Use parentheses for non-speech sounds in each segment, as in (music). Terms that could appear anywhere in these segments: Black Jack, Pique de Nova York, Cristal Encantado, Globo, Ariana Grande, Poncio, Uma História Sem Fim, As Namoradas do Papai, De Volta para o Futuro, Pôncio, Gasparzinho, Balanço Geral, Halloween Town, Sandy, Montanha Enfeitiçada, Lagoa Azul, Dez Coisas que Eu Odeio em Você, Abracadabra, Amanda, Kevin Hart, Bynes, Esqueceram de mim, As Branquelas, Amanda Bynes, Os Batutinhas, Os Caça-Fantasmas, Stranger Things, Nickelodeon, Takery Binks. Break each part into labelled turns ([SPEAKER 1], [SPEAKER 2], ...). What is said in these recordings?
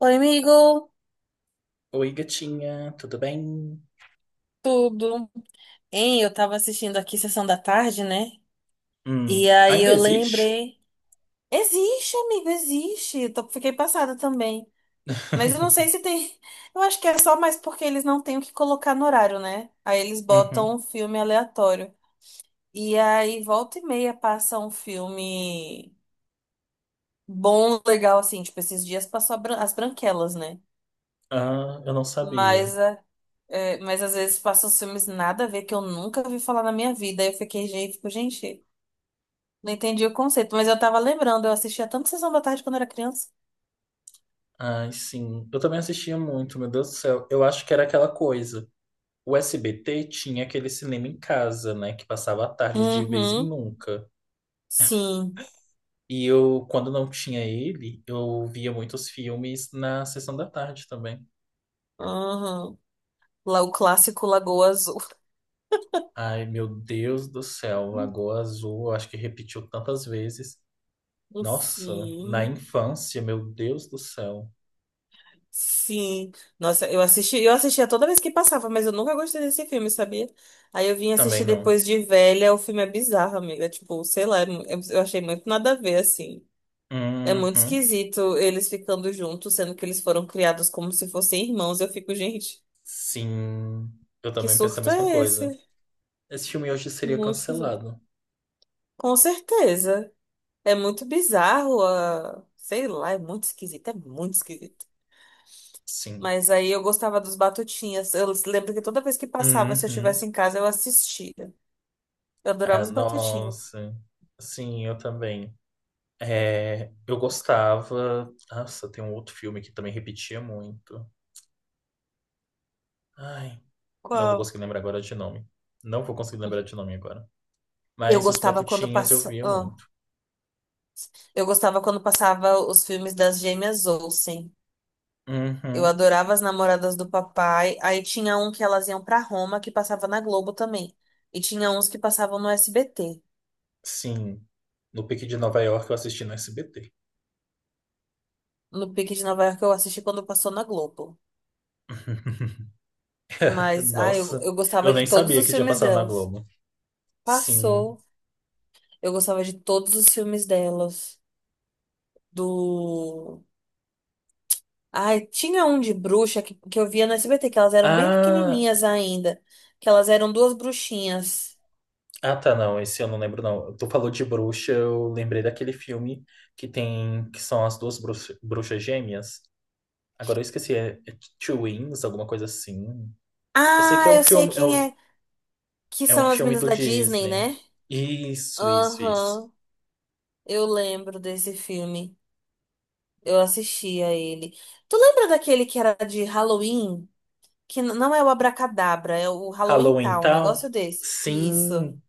[SPEAKER 1] Oi, amigo!
[SPEAKER 2] Oi, gatinha, tudo bem?
[SPEAKER 1] Tudo. Hein, eu tava assistindo aqui Sessão da Tarde, né? E aí
[SPEAKER 2] Ainda
[SPEAKER 1] eu
[SPEAKER 2] existe?
[SPEAKER 1] lembrei. Existe, amigo, existe. Fiquei passada também. Mas eu não sei
[SPEAKER 2] (laughs)
[SPEAKER 1] se tem. (laughs) Eu acho que é só mais porque eles não têm o que colocar no horário, né? Aí eles botam
[SPEAKER 2] Uhum.
[SPEAKER 1] um filme aleatório. E aí volta e meia passa um filme bom, legal, assim. Tipo, esses dias passou As Branquelas, né?
[SPEAKER 2] Ah, eu não sabia.
[SPEAKER 1] Mas, mas às vezes passam os filmes nada a ver que eu nunca vi falar na minha vida. Aí eu fiquei, gente, fico, gente. Não entendi o conceito, mas eu tava lembrando, eu assistia tanto Sessão da Tarde quando era criança.
[SPEAKER 2] Ai, sim. Eu também assistia muito, meu Deus do céu. Eu acho que era aquela coisa. O SBT tinha aquele cinema em casa, né? Que passava a tarde de vez em
[SPEAKER 1] Uhum,
[SPEAKER 2] nunca.
[SPEAKER 1] sim.
[SPEAKER 2] E eu, quando não tinha ele, eu via muitos filmes na sessão da tarde também.
[SPEAKER 1] Uhum. Lá o clássico Lagoa Azul.
[SPEAKER 2] Ai, meu Deus do céu.
[SPEAKER 1] (laughs)
[SPEAKER 2] Lagoa Azul, eu acho que repetiu tantas vezes. Nossa, na
[SPEAKER 1] Sim,
[SPEAKER 2] infância, meu Deus do céu.
[SPEAKER 1] sim. Nossa, eu assistia toda vez que passava, mas eu nunca gostei desse filme, sabia? Aí eu vim
[SPEAKER 2] Também
[SPEAKER 1] assistir
[SPEAKER 2] não.
[SPEAKER 1] depois de velha, o filme é bizarro, amiga. Tipo, sei lá, eu achei muito nada a ver, assim. É muito
[SPEAKER 2] Uhum.
[SPEAKER 1] esquisito eles ficando juntos, sendo que eles foram criados como se fossem irmãos. Eu fico, gente,
[SPEAKER 2] Sim, eu
[SPEAKER 1] que
[SPEAKER 2] também penso a
[SPEAKER 1] surto
[SPEAKER 2] mesma
[SPEAKER 1] é esse?
[SPEAKER 2] coisa. Esse filme hoje seria
[SPEAKER 1] Muito esquisito.
[SPEAKER 2] cancelado.
[SPEAKER 1] Com certeza. É muito bizarro, ah, sei lá, é muito esquisito, é muito esquisito.
[SPEAKER 2] Sim.
[SPEAKER 1] Mas aí eu gostava dos Batutinhas. Eu lembro que toda vez que passava, se eu estivesse
[SPEAKER 2] Uhum.
[SPEAKER 1] em casa, eu assistia. Eu adorava
[SPEAKER 2] Ah,
[SPEAKER 1] os Batutinhas.
[SPEAKER 2] nossa. Sim, eu também. É, eu gostava. Nossa, tem um outro filme que também repetia muito. Ai, não vou
[SPEAKER 1] Qual?
[SPEAKER 2] conseguir lembrar agora de nome. Não vou conseguir lembrar de nome agora.
[SPEAKER 1] Eu
[SPEAKER 2] Mas Os
[SPEAKER 1] gostava quando
[SPEAKER 2] Batutinhas eu
[SPEAKER 1] passa...
[SPEAKER 2] via
[SPEAKER 1] ah,
[SPEAKER 2] muito.
[SPEAKER 1] eu gostava quando passava os filmes das gêmeas Olsen. Eu
[SPEAKER 2] Uhum.
[SPEAKER 1] adorava as namoradas do papai. Aí tinha um que elas iam pra Roma, que passava na Globo também. E tinha uns que passavam no SBT.
[SPEAKER 2] Sim. No Pique de Nova York eu assisti no SBT.
[SPEAKER 1] No Pique de Nova York eu assisti quando passou na Globo.
[SPEAKER 2] (laughs)
[SPEAKER 1] Mas
[SPEAKER 2] Nossa,
[SPEAKER 1] eu
[SPEAKER 2] eu
[SPEAKER 1] gostava de
[SPEAKER 2] nem
[SPEAKER 1] todos
[SPEAKER 2] sabia
[SPEAKER 1] os
[SPEAKER 2] que tinha
[SPEAKER 1] filmes
[SPEAKER 2] passado na
[SPEAKER 1] delas.
[SPEAKER 2] Globo. Sim.
[SPEAKER 1] Passou. Eu gostava de todos os filmes delas. Do. Ai, tinha um de bruxa que eu via no SBT, que elas eram bem
[SPEAKER 2] Ah,
[SPEAKER 1] pequenininhas ainda. Que elas eram duas bruxinhas.
[SPEAKER 2] ah, tá, não, esse eu não lembro, não. Tu falou de bruxa, eu lembrei daquele filme que tem, que são as duas bruxas gêmeas. Agora eu esqueci, é Twins, alguma coisa assim. Eu sei que
[SPEAKER 1] Ah,
[SPEAKER 2] é um
[SPEAKER 1] eu sei
[SPEAKER 2] filme,
[SPEAKER 1] quem é. Que
[SPEAKER 2] é um
[SPEAKER 1] são as
[SPEAKER 2] filme
[SPEAKER 1] meninas
[SPEAKER 2] do
[SPEAKER 1] da Disney,
[SPEAKER 2] Disney.
[SPEAKER 1] né?
[SPEAKER 2] Isso, isso, isso.
[SPEAKER 1] Aham, eu lembro desse filme. Eu assistia ele. Tu lembra daquele que era de Halloween? Que não é o Abracadabra, é o Halloween
[SPEAKER 2] Halloween
[SPEAKER 1] Town, um
[SPEAKER 2] Town?
[SPEAKER 1] negócio desse. Isso.
[SPEAKER 2] Sim.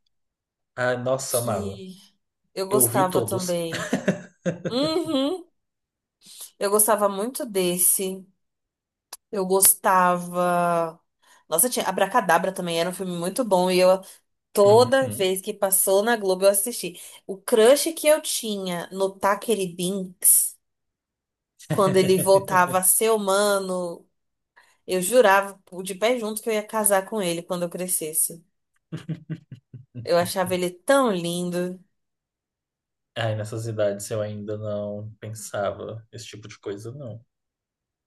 [SPEAKER 2] Ah, nossa, amava.
[SPEAKER 1] Que eu
[SPEAKER 2] Eu vi
[SPEAKER 1] gostava
[SPEAKER 2] todos.
[SPEAKER 1] também.
[SPEAKER 2] (laughs)
[SPEAKER 1] Uhum. Eu gostava muito desse. Eu gostava. Nossa, tinha Abracadabra também, era um filme muito bom e eu toda
[SPEAKER 2] Uhum.
[SPEAKER 1] vez que passou na Globo eu assisti. O crush que eu tinha no Takery Binks, quando ele
[SPEAKER 2] (laughs)
[SPEAKER 1] voltava a ser humano, eu jurava de pé junto que eu ia casar com ele quando eu crescesse. Eu achava ele tão lindo.
[SPEAKER 2] Ai, nessas idades eu ainda não pensava esse tipo de coisa, não.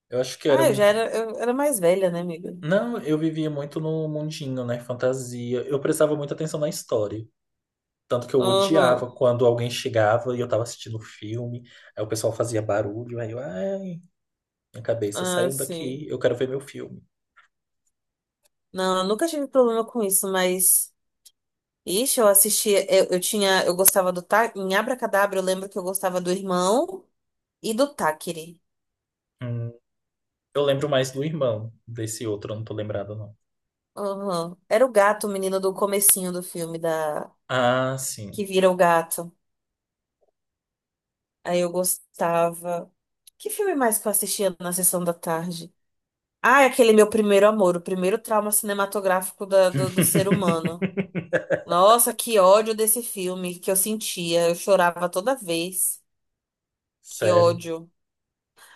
[SPEAKER 2] Eu acho que
[SPEAKER 1] Ah, eu já era, eu era mais velha, né, amiga?
[SPEAKER 2] Não, eu vivia muito no mundinho, né? Fantasia. Eu prestava muita atenção na história. Tanto que eu odiava
[SPEAKER 1] Uhum.
[SPEAKER 2] quando alguém chegava e eu tava assistindo o filme, aí o pessoal fazia barulho, aí eu, ai, minha cabeça
[SPEAKER 1] Ah,
[SPEAKER 2] saiu
[SPEAKER 1] sim.
[SPEAKER 2] daqui, eu quero ver meu filme.
[SPEAKER 1] Não, eu nunca tive problema com isso, mas. Ixi, eu assistia. Eu tinha. Eu gostava do tá Em Abracadabra, eu lembro que eu gostava do irmão e do Táquere.
[SPEAKER 2] Hum, eu lembro mais do irmão, desse outro eu não tô lembrado, não.
[SPEAKER 1] Aham. Era o gato, o menino do comecinho do filme, da
[SPEAKER 2] Ah, sim.
[SPEAKER 1] que vira o gato. Aí eu gostava. Que filme mais que eu assistia na sessão da tarde? Ah, é aquele Meu Primeiro Amor, o primeiro trauma cinematográfico do ser humano.
[SPEAKER 2] (laughs)
[SPEAKER 1] Nossa, que ódio desse filme que eu sentia. Eu chorava toda vez. Que
[SPEAKER 2] Sério.
[SPEAKER 1] ódio.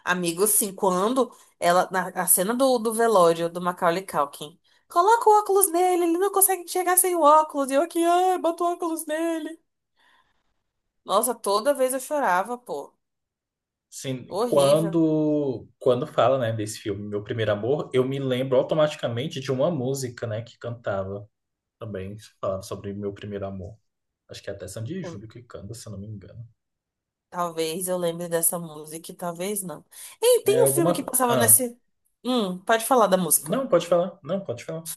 [SPEAKER 1] Amigo, assim, quando ela, na a cena do velório do Macaulay Culkin, coloca o óculos nele, ele não consegue enxergar sem o óculos, e eu aqui, ai, bota o óculos nele. Nossa, toda vez eu chorava, pô.
[SPEAKER 2] Sim,
[SPEAKER 1] Horrível.
[SPEAKER 2] quando fala, né, desse filme, Meu Primeiro Amor, eu me lembro automaticamente de uma música, né, que cantava, também falando sobre meu primeiro amor. Acho que é até Sandy e
[SPEAKER 1] Hum,
[SPEAKER 2] Júlio que canta, se eu não me engano.
[SPEAKER 1] Talvez eu lembre dessa música, e talvez não. Ei, tem um filme que passava
[SPEAKER 2] Ah,
[SPEAKER 1] nesse. Pode falar da música.
[SPEAKER 2] não, pode falar. Não, pode falar.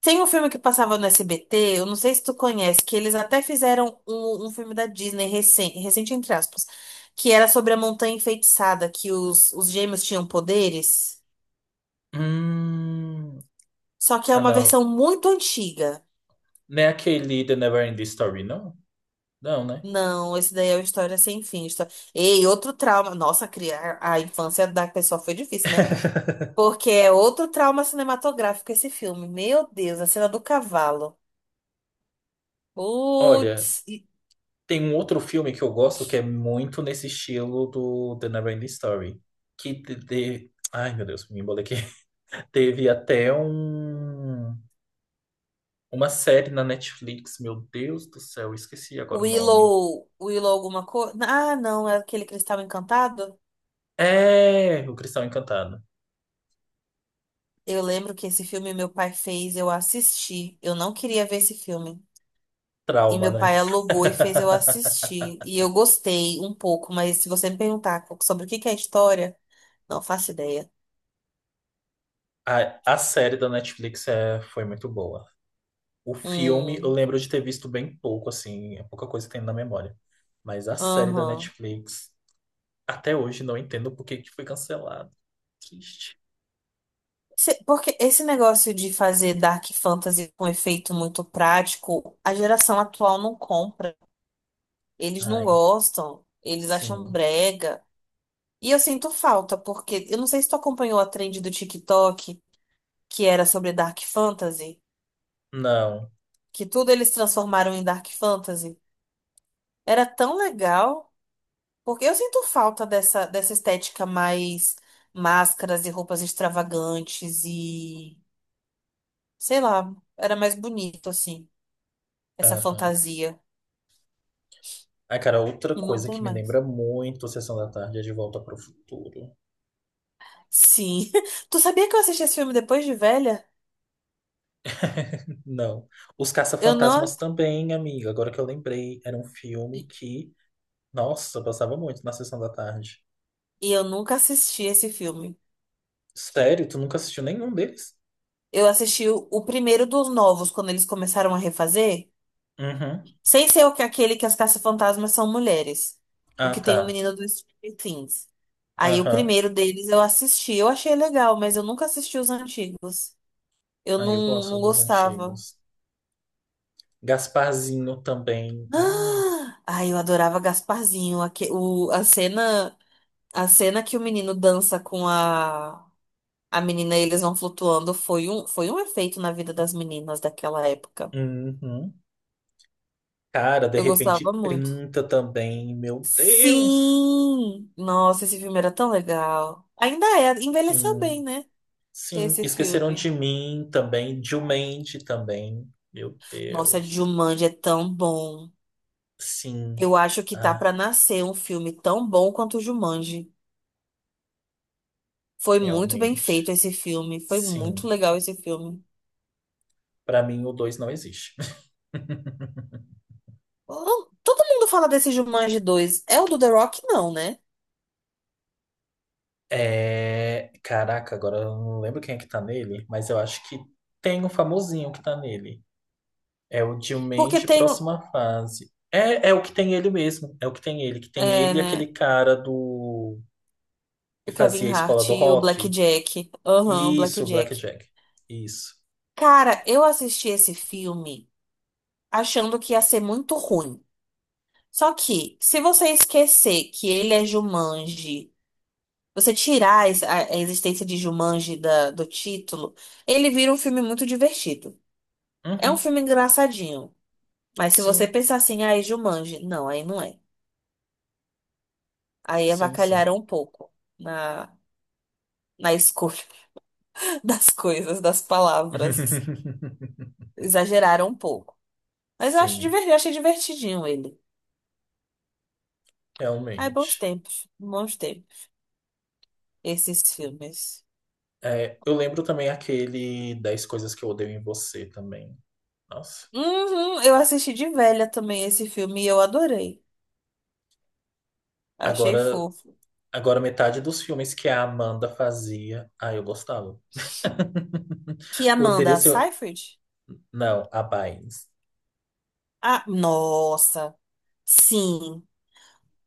[SPEAKER 1] Tem um filme que passava no SBT, eu não sei se tu conhece, que eles até fizeram um filme da Disney recente, recente entre aspas, que era sobre a Montanha Enfeitiçada, que os gêmeos tinham poderes,
[SPEAKER 2] Hum...
[SPEAKER 1] só que é
[SPEAKER 2] Ah,
[SPEAKER 1] uma versão
[SPEAKER 2] não.
[SPEAKER 1] muito antiga.
[SPEAKER 2] Não é aquele The Neverending Story, não? Não, né?
[SPEAKER 1] Não, esse daí é uma história sem fim. Ei, outro trauma. Nossa, criar a infância da pessoa foi difícil, né?
[SPEAKER 2] (laughs)
[SPEAKER 1] Porque é outro trauma cinematográfico esse filme. Meu Deus, a cena do cavalo.
[SPEAKER 2] Olha,
[SPEAKER 1] Putz.
[SPEAKER 2] tem um outro filme que eu gosto que é muito nesse estilo do The Neverending Story. Ai, meu Deus, me embolei aqui. (laughs) Teve até um... uma série na Netflix, meu Deus do céu, eu esqueci agora o nome.
[SPEAKER 1] Willow, Willow alguma coisa? Ah, não, é aquele Cristal Encantado?
[SPEAKER 2] É, O Cristão Encantado.
[SPEAKER 1] Eu lembro que esse filme meu pai fez, eu assisti. Eu não queria ver esse filme. E
[SPEAKER 2] Trauma,
[SPEAKER 1] meu
[SPEAKER 2] né?
[SPEAKER 1] pai alugou e fez eu
[SPEAKER 2] (laughs)
[SPEAKER 1] assistir. E eu gostei um pouco, mas se você me perguntar sobre o que é a história, não faço ideia.
[SPEAKER 2] A série da Netflix foi muito boa. O filme, eu
[SPEAKER 1] Hum,
[SPEAKER 2] lembro de ter visto bem pouco, assim, é pouca coisa que tem na memória. Mas a série da
[SPEAKER 1] aham.
[SPEAKER 2] Netflix, até hoje não entendo por que que foi cancelado. Triste.
[SPEAKER 1] Porque esse negócio de fazer dark fantasy com efeito muito prático, a geração atual não compra. Eles não
[SPEAKER 2] Ai,
[SPEAKER 1] gostam, eles acham
[SPEAKER 2] sim.
[SPEAKER 1] brega. E eu sinto falta, porque eu não sei se tu acompanhou a trend do TikTok, que era sobre Dark Fantasy,
[SPEAKER 2] Não.
[SPEAKER 1] que tudo eles transformaram em Dark Fantasy. Era tão legal, porque eu sinto falta dessa estética mais máscaras e roupas extravagantes e, sei lá, era mais bonito assim, essa
[SPEAKER 2] Aham.
[SPEAKER 1] fantasia.
[SPEAKER 2] Ai, cara, outra
[SPEAKER 1] E não
[SPEAKER 2] coisa
[SPEAKER 1] tem
[SPEAKER 2] que me
[SPEAKER 1] mais.
[SPEAKER 2] lembra muito a Sessão da Tarde é De Volta para o Futuro.
[SPEAKER 1] Sim. (laughs) Tu sabia que eu assisti esse filme depois de velha?
[SPEAKER 2] Não. Os
[SPEAKER 1] Eu não.
[SPEAKER 2] Caça-Fantasmas também, amiga. Agora que eu lembrei, era um filme que, nossa, passava muito na Sessão da Tarde.
[SPEAKER 1] E eu nunca assisti esse filme.
[SPEAKER 2] Sério? Tu nunca assistiu nenhum deles?
[SPEAKER 1] Eu assisti o primeiro dos novos, quando eles começaram a refazer.
[SPEAKER 2] Uhum.
[SPEAKER 1] Sem ser o que aquele que as caça-fantasmas são mulheres. O
[SPEAKER 2] Ah,
[SPEAKER 1] que tem o
[SPEAKER 2] tá.
[SPEAKER 1] menino do Stranger Things. Aí o
[SPEAKER 2] Aham.
[SPEAKER 1] primeiro deles eu assisti. Eu achei legal, mas eu nunca assisti os antigos. Eu
[SPEAKER 2] Ah, eu
[SPEAKER 1] não,
[SPEAKER 2] gosto
[SPEAKER 1] não
[SPEAKER 2] dos
[SPEAKER 1] gostava.
[SPEAKER 2] antigos.
[SPEAKER 1] (gasps)
[SPEAKER 2] Gasparzinho também. Ai.
[SPEAKER 1] Ah! Ai, eu adorava Gasparzinho. A cena que o menino dança com a menina e eles vão flutuando foi foi um efeito na vida das meninas daquela época.
[SPEAKER 2] Uhum. Cara, de
[SPEAKER 1] Eu gostava
[SPEAKER 2] repente
[SPEAKER 1] muito.
[SPEAKER 2] 30 também. Meu Deus.
[SPEAKER 1] Sim! Nossa, esse filme era tão legal. Ainda é, envelheceu bem,
[SPEAKER 2] Sim.
[SPEAKER 1] né?
[SPEAKER 2] Sim.
[SPEAKER 1] Esse
[SPEAKER 2] Esqueceram
[SPEAKER 1] filme.
[SPEAKER 2] de mim também. Dilmente também. Meu
[SPEAKER 1] Nossa,
[SPEAKER 2] Deus.
[SPEAKER 1] Jumanji é tão bom.
[SPEAKER 2] Sim.
[SPEAKER 1] Eu acho que tá
[SPEAKER 2] Ah,
[SPEAKER 1] pra nascer um filme tão bom quanto o Jumanji. Foi muito bem feito
[SPEAKER 2] realmente.
[SPEAKER 1] esse filme. Foi
[SPEAKER 2] Sim.
[SPEAKER 1] muito legal esse filme.
[SPEAKER 2] Pra mim, o 2 não existe. (laughs)
[SPEAKER 1] Oh, todo mundo fala desse Jumanji dois. É o do The Rock? Não, né?
[SPEAKER 2] É... Caraca, agora eu não lembro quem é que tá nele, mas eu acho que tem um famosinho que tá nele. É o
[SPEAKER 1] Porque
[SPEAKER 2] Dilmende,
[SPEAKER 1] tem
[SPEAKER 2] próxima fase. É o que tem ele mesmo. É o que tem ele. Que tem
[SPEAKER 1] é,
[SPEAKER 2] ele e aquele
[SPEAKER 1] né,
[SPEAKER 2] cara do que
[SPEAKER 1] o
[SPEAKER 2] fazia
[SPEAKER 1] Kevin
[SPEAKER 2] a escola
[SPEAKER 1] Hart
[SPEAKER 2] do
[SPEAKER 1] e o Black
[SPEAKER 2] rock.
[SPEAKER 1] Jack. Aham, o Black
[SPEAKER 2] Isso,
[SPEAKER 1] Jack.
[SPEAKER 2] Blackjack. Isso.
[SPEAKER 1] Cara, eu assisti esse filme, achando que ia ser muito ruim. Só que, se você esquecer que ele é Jumanji, você tirar a existência de Jumanji do título, ele vira um filme muito divertido. É um
[SPEAKER 2] Uhum.
[SPEAKER 1] filme engraçadinho. Mas se você
[SPEAKER 2] Sim,
[SPEAKER 1] pensar assim, ah, é Jumanji, não, aí não é. Aí
[SPEAKER 2] sim, sim.
[SPEAKER 1] avacalharam um pouco na, na escolha (laughs) das coisas, das palavras.
[SPEAKER 2] (laughs)
[SPEAKER 1] Exageraram um pouco. Mas eu acho
[SPEAKER 2] Sim,
[SPEAKER 1] divertido, eu achei divertidinho ele. Ai,
[SPEAKER 2] realmente.
[SPEAKER 1] bons tempos, esses filmes.
[SPEAKER 2] É, eu lembro também aquele dez coisas que eu odeio em você também. Nossa.
[SPEAKER 1] Uhum, eu assisti de velha também esse filme e eu adorei. Achei
[SPEAKER 2] Agora
[SPEAKER 1] fofo.
[SPEAKER 2] Agora, metade dos filmes que a Amanda fazia, ah, eu gostava.
[SPEAKER 1] Que
[SPEAKER 2] (laughs) Poderia
[SPEAKER 1] Amanda
[SPEAKER 2] ser.
[SPEAKER 1] Seyfried?
[SPEAKER 2] Não, a Bynes.
[SPEAKER 1] Ah, nossa. Sim.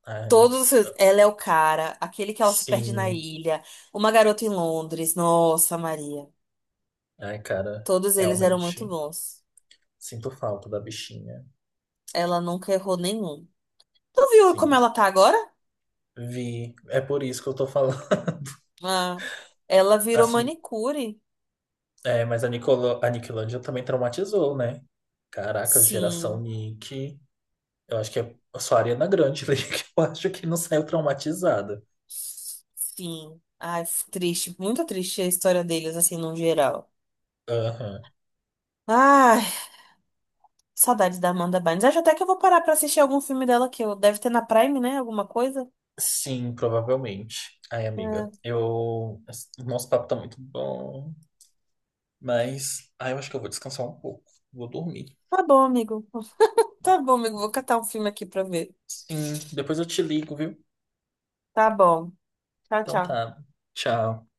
[SPEAKER 2] Ai,
[SPEAKER 1] Todos, ela é o cara, aquele que ela se perde na
[SPEAKER 2] sim.
[SPEAKER 1] ilha, Uma Garota em Londres. Nossa, Maria.
[SPEAKER 2] Ai, cara,
[SPEAKER 1] Todos eles eram muito
[SPEAKER 2] realmente
[SPEAKER 1] bons.
[SPEAKER 2] sinto falta da bichinha.
[SPEAKER 1] Ela nunca errou nenhum. Tu viu como
[SPEAKER 2] Sim.
[SPEAKER 1] ela tá agora?
[SPEAKER 2] Vi. É por isso que eu tô falando.
[SPEAKER 1] Ah, ela
[SPEAKER 2] (laughs)
[SPEAKER 1] virou
[SPEAKER 2] Assim,
[SPEAKER 1] manicure.
[SPEAKER 2] é, a Nickelodeon também traumatizou, né? Caraca, geração
[SPEAKER 1] Sim.
[SPEAKER 2] Nick. Eu acho que é só a Ariana Grande ali (laughs) que eu acho que não saiu traumatizada.
[SPEAKER 1] Sim. Ai, triste, muito triste a história deles assim no geral.
[SPEAKER 2] Aham.
[SPEAKER 1] Ah, saudades da Amanda Bynes. Acho até que eu vou parar pra assistir algum filme dela que eu deve ter na Prime, né? Alguma coisa.
[SPEAKER 2] Sim, provavelmente. Ai, amiga,
[SPEAKER 1] É.
[SPEAKER 2] eu. Esse- Nosso papo tá muito bom, mas. Ai, eu acho que eu vou descansar um pouco. Vou dormir.
[SPEAKER 1] Tá bom, amigo. Tá bom, amigo. Vou catar um filme aqui pra ver.
[SPEAKER 2] Sim, depois eu te ligo, viu?
[SPEAKER 1] Tá bom. Tchau,
[SPEAKER 2] Então
[SPEAKER 1] tchau.
[SPEAKER 2] tá. Tchau.